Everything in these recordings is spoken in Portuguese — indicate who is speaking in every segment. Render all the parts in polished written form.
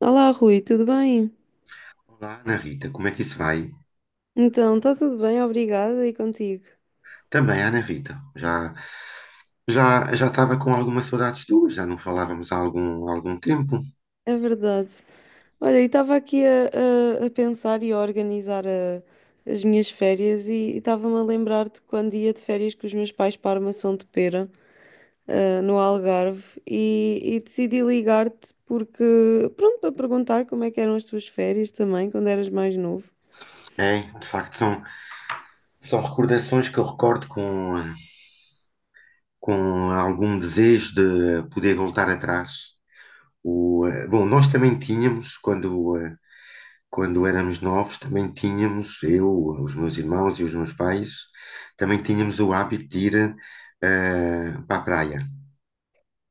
Speaker 1: Olá, Rui, tudo bem?
Speaker 2: Olá, Ana Rita, como é que isso vai?
Speaker 1: Então, está tudo bem, obrigada, e contigo?
Speaker 2: Também, Ana Rita, já estava com algumas saudades tuas, já não falávamos há algum tempo.
Speaker 1: É verdade. Olha, e estava aqui a pensar e a organizar as minhas férias e estava-me a lembrar de quando ia de férias com os meus pais para a Armação de Pera, no Algarve, e decidi ligar-te porque, pronto, para perguntar como é que eram as tuas férias também, quando eras mais novo.
Speaker 2: É, de facto, são recordações que eu recordo com algum desejo de poder voltar atrás. Bom, nós também tínhamos, quando éramos novos, também tínhamos, eu, os meus irmãos e os meus pais, também tínhamos o hábito de ir para a praia.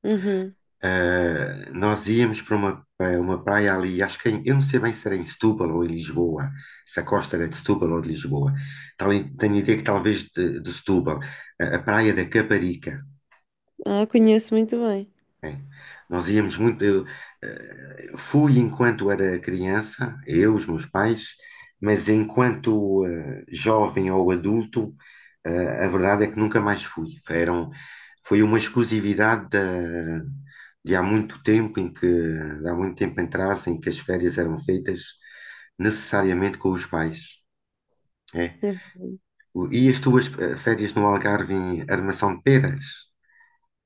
Speaker 1: Uhum.
Speaker 2: Nós íamos para uma praia ali, acho que eu não sei bem se era em Setúbal ou em Lisboa, se a costa era de Setúbal ou de Lisboa. Tal, Tenho a ideia que talvez de Setúbal, a praia da Caparica.
Speaker 1: Ah, conheço muito bem.
Speaker 2: É. Nós íamos muito. Fui enquanto era criança, eu, os meus pais, mas enquanto jovem ou adulto, a verdade é que nunca mais fui. Foi uma exclusividade de há muito de há muito tempo atrás, em que as férias eram feitas necessariamente com os pais. É.
Speaker 1: É verdade.
Speaker 2: E as tuas férias no Algarve em Armação de Peras?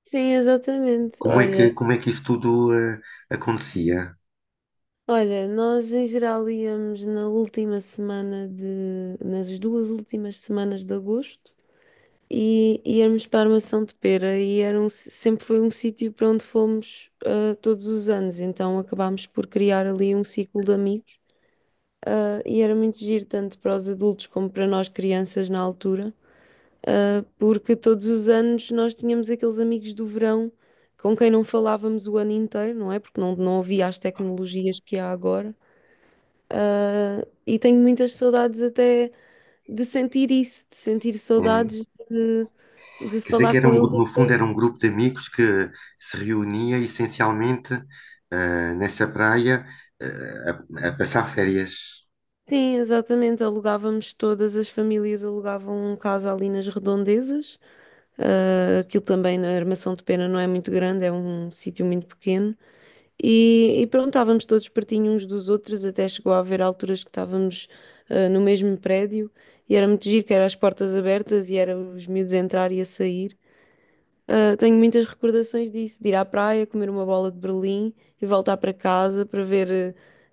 Speaker 1: Sim, exatamente.
Speaker 2: Como é que,
Speaker 1: Olha.
Speaker 2: como é que isso tudo acontecia?
Speaker 1: Olha, nós em geral íamos na última semana nas duas últimas semanas de agosto e íamos para a Armação de Pera e sempre foi um sítio para onde fomos todos os anos, então acabámos por criar ali um ciclo de amigos. Ah, e era muito giro tanto para os adultos como para nós crianças na altura, porque todos os anos nós tínhamos aqueles amigos do verão com quem não falávamos o ano inteiro, não é? Porque não havia as tecnologias que há agora. Ah, e tenho muitas saudades até de sentir isso, de sentir
Speaker 2: É.
Speaker 1: saudades de
Speaker 2: Quer dizer
Speaker 1: falar
Speaker 2: que era
Speaker 1: com eles.
Speaker 2: no fundo era um grupo de amigos que se reunia essencialmente nessa praia eh, a passar férias.
Speaker 1: Sim, exatamente. Alugávamos todas as famílias, alugavam um casa ali nas redondezas. Ah, aquilo também na Armação de Pena não é muito grande, é um sítio muito pequeno. E pronto, estávamos todos pertinho uns dos outros, até chegou a haver alturas que estávamos no mesmo prédio e era muito giro, que era as portas abertas e era os miúdos a entrar e a sair. Ah, tenho muitas recordações disso, de ir à praia, comer uma bola de Berlim e voltar para casa para ver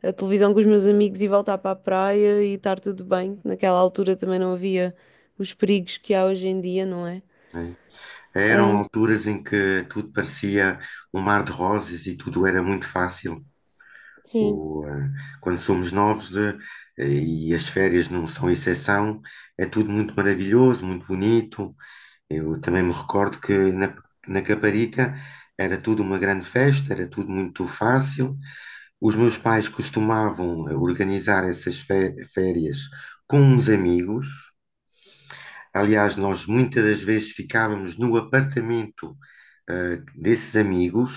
Speaker 1: a televisão com os meus amigos e voltar para a praia e estar tudo bem. Naquela altura também não havia os perigos que há hoje em dia, não é?
Speaker 2: Né? Eram
Speaker 1: Ah,
Speaker 2: alturas em que tudo parecia um mar de rosas e tudo era muito fácil.
Speaker 1: sim.
Speaker 2: O, eh, Quando somos novos e as férias não são exceção, é tudo muito maravilhoso, muito bonito. Eu também me recordo que na Caparica era tudo uma grande festa, era tudo muito fácil. Os meus pais costumavam organizar essas férias com uns amigos. Aliás, nós muitas das vezes ficávamos no apartamento, desses amigos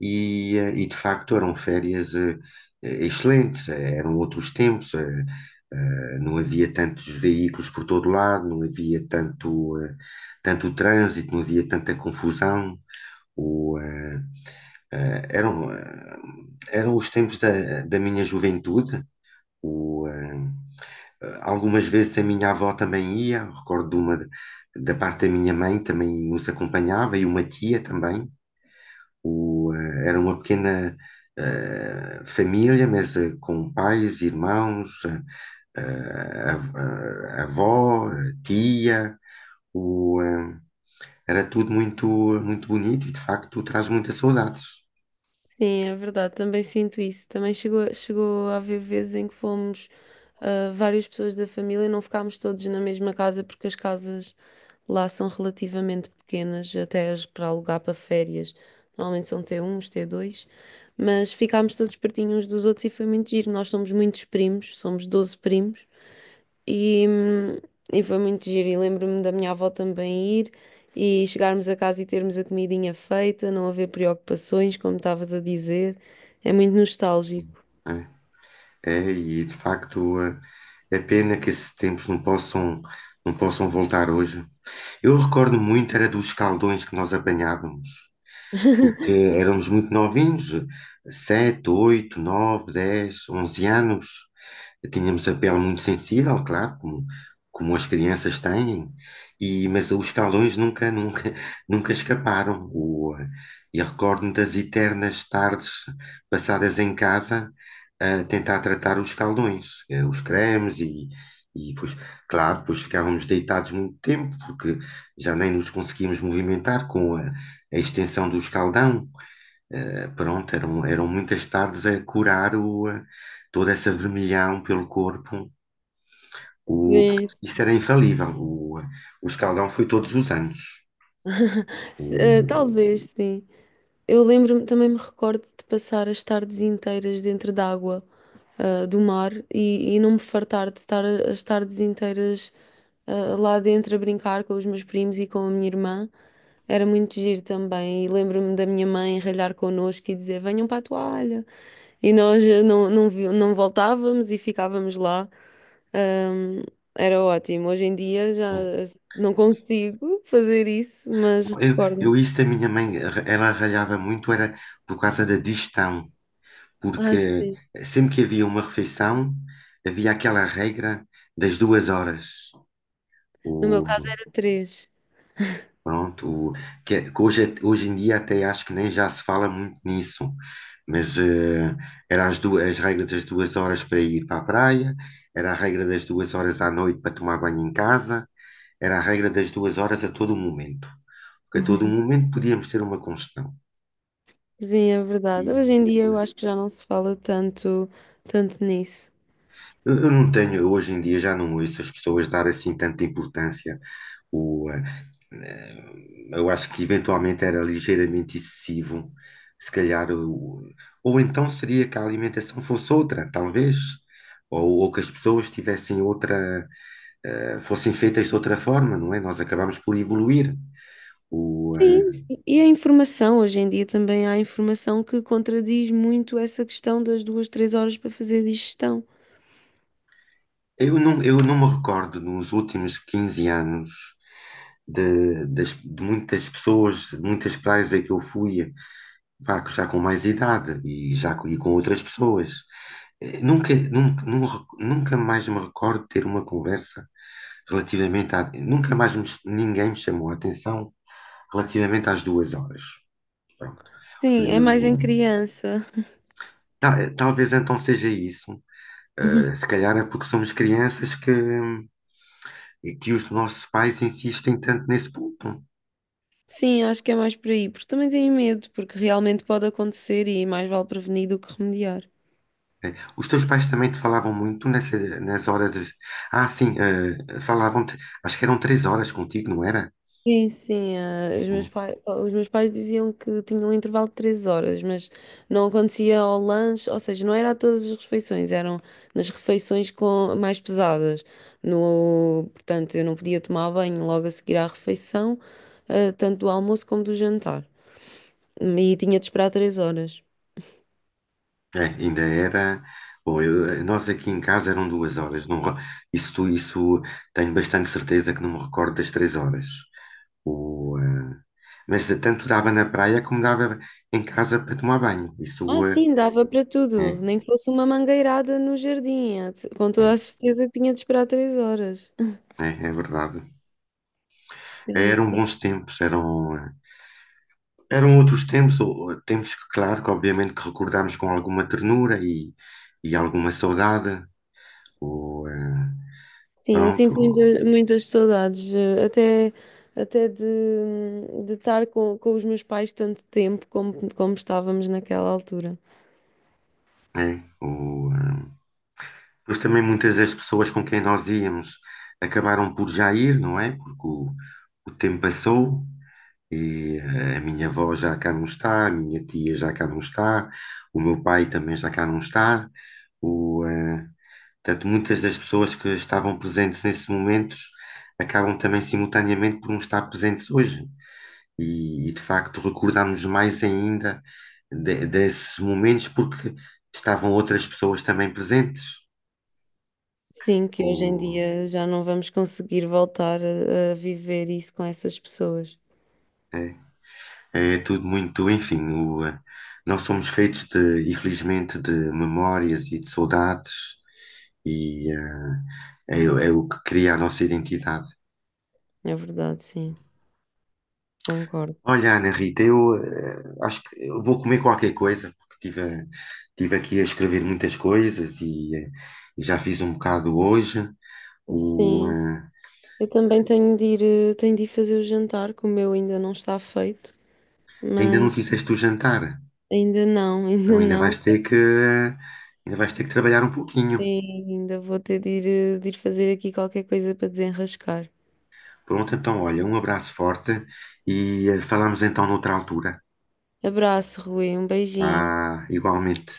Speaker 2: e, de facto eram férias, excelentes, eram outros tempos, não havia tantos veículos por todo lado, não havia tanto trânsito, não havia tanta confusão. O, eh, eh, eram, eh, eram os tempos da minha juventude. O, eh, Algumas vezes a minha avó também ia, recordo de uma da parte da minha mãe também nos acompanhava e uma tia também. Era uma pequena família, mas com pais, irmãos, avó, tia. O, eh, Era tudo muito, muito bonito e de facto traz muitas saudades.
Speaker 1: Sim, é verdade, também sinto isso. Também chegou a haver vezes em que fomos várias pessoas da família e não ficámos todos na mesma casa porque as casas lá são relativamente pequenas, até as para alugar para férias. Normalmente são t 1 t dois, mas ficámos todos pertinho uns dos outros e foi muito giro. Nós somos muitos primos, somos 12 primos e, hum, e foi muito giro. E lembro-me da minha avó também ir e chegarmos a casa e termos a comidinha feita, não haver preocupações, como estavas a dizer. É muito nostálgico.
Speaker 2: Né? É, é, e de facto é pena que esses tempos não possam voltar hoje. Eu recordo muito, era dos caldões que nós apanhávamos, porque éramos muito novinhos, 7, 8, 9, 10, 11 anos. Tínhamos a pele muito sensível, claro, como as crianças têm, e, mas os calões nunca, nunca, nunca escaparam. E recordo-me das eternas tardes passadas em casa a tentar tratar os calões, os cremes e pois, claro, pois ficávamos deitados muito tempo porque já nem nos conseguíamos movimentar com a extensão do escaldão. Pronto, eram muitas tardes a curar toda essa vermelhão pelo corpo, porque
Speaker 1: Sim.
Speaker 2: isso era infalível. O escaldão foi todos os anos.
Speaker 1: Se- eh,
Speaker 2: O,
Speaker 1: talvez, sim. Eu lembro-me, também me recordo de passar as tardes inteiras dentro d'água, do mar e não me fartar de estar as tardes inteiras lá dentro a brincar com os meus primos e com a minha irmã. Era muito giro também. E lembro-me da minha mãe ralhar connosco e dizer: venham para a toalha. E nós não voltávamos e ficávamos lá. Ahm, era ótimo. Hoje em dia já eh, não consigo fazer isso, mas
Speaker 2: eu,
Speaker 1: recordo.
Speaker 2: eu isso da minha mãe, ela ralhava muito, era por causa da digestão,
Speaker 1: Ah,
Speaker 2: porque
Speaker 1: sim.
Speaker 2: sempre que havia uma refeição, havia aquela regra das 2 horas.
Speaker 1: No meu
Speaker 2: O,
Speaker 1: caso era três.
Speaker 2: pronto, o, que, é, que Hoje em dia até acho que nem já se fala muito nisso, mas era as regras das 2 horas para ir para a praia, era a regra das 2 horas à noite para tomar banho em casa. Era a regra das duas horas a todo momento. Porque a todo momento podíamos ter uma congestão.
Speaker 1: Sim, é
Speaker 2: E
Speaker 1: verdade. Hoje em dia eu
Speaker 2: eu,
Speaker 1: acho que já não se fala tanto nisso.
Speaker 2: eu não tenho, hoje em dia já não ouço as pessoas dar assim tanta importância. O, eh, eh, eu acho que eventualmente era ligeiramente excessivo, se calhar. Ou então seria que a alimentação fosse outra, talvez. Ou que as pessoas tivessem outra, fossem feitas de outra forma, não é? Nós acabamos por evoluir.
Speaker 1: E,
Speaker 2: O, eh,
Speaker 1: Sim, e a informação, hoje em dia também há informação que contradiz muito essa questão das duas, 3 horas para fazer digestão.
Speaker 2: eu não me recordo nos últimos 15 anos de muitas pessoas, de muitas praias a que eu fui, pá, que já com mais idade e e com outras pessoas. Nunca mais me recordo de ter uma conversa relativamente a. Nunca mais me- ch- Ninguém me chamou a atenção relativamente às 2 horas. Pronto.
Speaker 1: Sim, é mais em
Speaker 2: O,
Speaker 1: criança.
Speaker 2: Talvez então seja isso. Se calhar é porque somos crianças que os nossos pais insistem tanto nesse ponto.
Speaker 1: Sim, acho que é mais por aí, porque também tenho medo, porque realmente pode acontecer e mais vale prevenir do que remediar.
Speaker 2: É. Os teus pais também te falavam muito nas horas. Ah, sim, falavam-te. Acho que eram 3 horas contigo, não era?
Speaker 1: Sim, sim, os meus
Speaker 2: Hum.
Speaker 1: pais, os meus pais diziam que tinham um intervalo de 3 horas, mas não acontecia ao lanche, ou seja, não era a todas as refeições, eram nas refeições mais pesadas. No, portanto, eu não podia tomar banho logo a seguir à refeição, tanto do almoço como do jantar. E tinha de esperar 3 horas.
Speaker 2: É, ainda era. Bom, nós aqui em casa eram 2 horas. Não, isso tenho bastante certeza que não me recordo das 3 horas. O, eh, mas tanto dava na praia como dava em casa para tomar banho.
Speaker 1: Ah,
Speaker 2: Isso
Speaker 1: sim, dava para tudo,
Speaker 2: é,
Speaker 1: nem que fosse uma mangueirada no jardim, com toda
Speaker 2: é,
Speaker 1: a certeza que tinha de esperar 3 horas.
Speaker 2: é verdade.
Speaker 1: Sim,
Speaker 2: Eram bons tempos, eram. Eram outros tempos, ou tempos que, claro, que obviamente que recordamos com alguma ternura e alguma saudade. O, eh,
Speaker 1: Sim, eu sinto
Speaker 2: Pronto,
Speaker 1: muitas saudades, até de estar com os meus pais tanto tempo como estávamos naquela altura.
Speaker 2: é, mas também muitas das pessoas com quem nós íamos acabaram por já ir, não é? Porque o tempo passou e a minha avó já cá não está, a minha tia já cá não está, o meu pai também já cá não está. O, eh, Portanto, muitas das pessoas que estavam presentes nesses momentos acabam também simultaneamente por não estar presentes hoje. E, de facto recordamos mais ainda desses momentos porque estavam outras pessoas também presentes.
Speaker 1: Sim, que hoje em
Speaker 2: O,
Speaker 1: dia já não vamos conseguir voltar a viver isso com essas pessoas.
Speaker 2: é, é tudo muito, enfim, nós somos feitos de, infelizmente, de memórias e de saudades e é o que cria a nossa identidade.
Speaker 1: É verdade, sim, concordo.
Speaker 2: Olha, Ana Rita, eu acho que eu vou comer qualquer coisa, porque tive aqui a escrever muitas coisas e já fiz um bocado hoje. O,
Speaker 1: Sim,
Speaker 2: eh,
Speaker 1: eu também tenho de ir fazer o jantar, que o meu ainda não está feito,
Speaker 2: Ainda não
Speaker 1: mas
Speaker 2: fizeste o jantar,
Speaker 1: ainda não,
Speaker 2: então
Speaker 1: ainda
Speaker 2: ainda
Speaker 1: não.
Speaker 2: vais ter que, ainda vais ter que trabalhar um pouquinho.
Speaker 1: Sim, ainda vou ter de ir fazer aqui qualquer coisa para desenrascar.
Speaker 2: Pronto, então olha, um abraço forte e falamos então noutra altura.
Speaker 1: Abraço, Rui. Um beijinho.
Speaker 2: Vá, igualmente.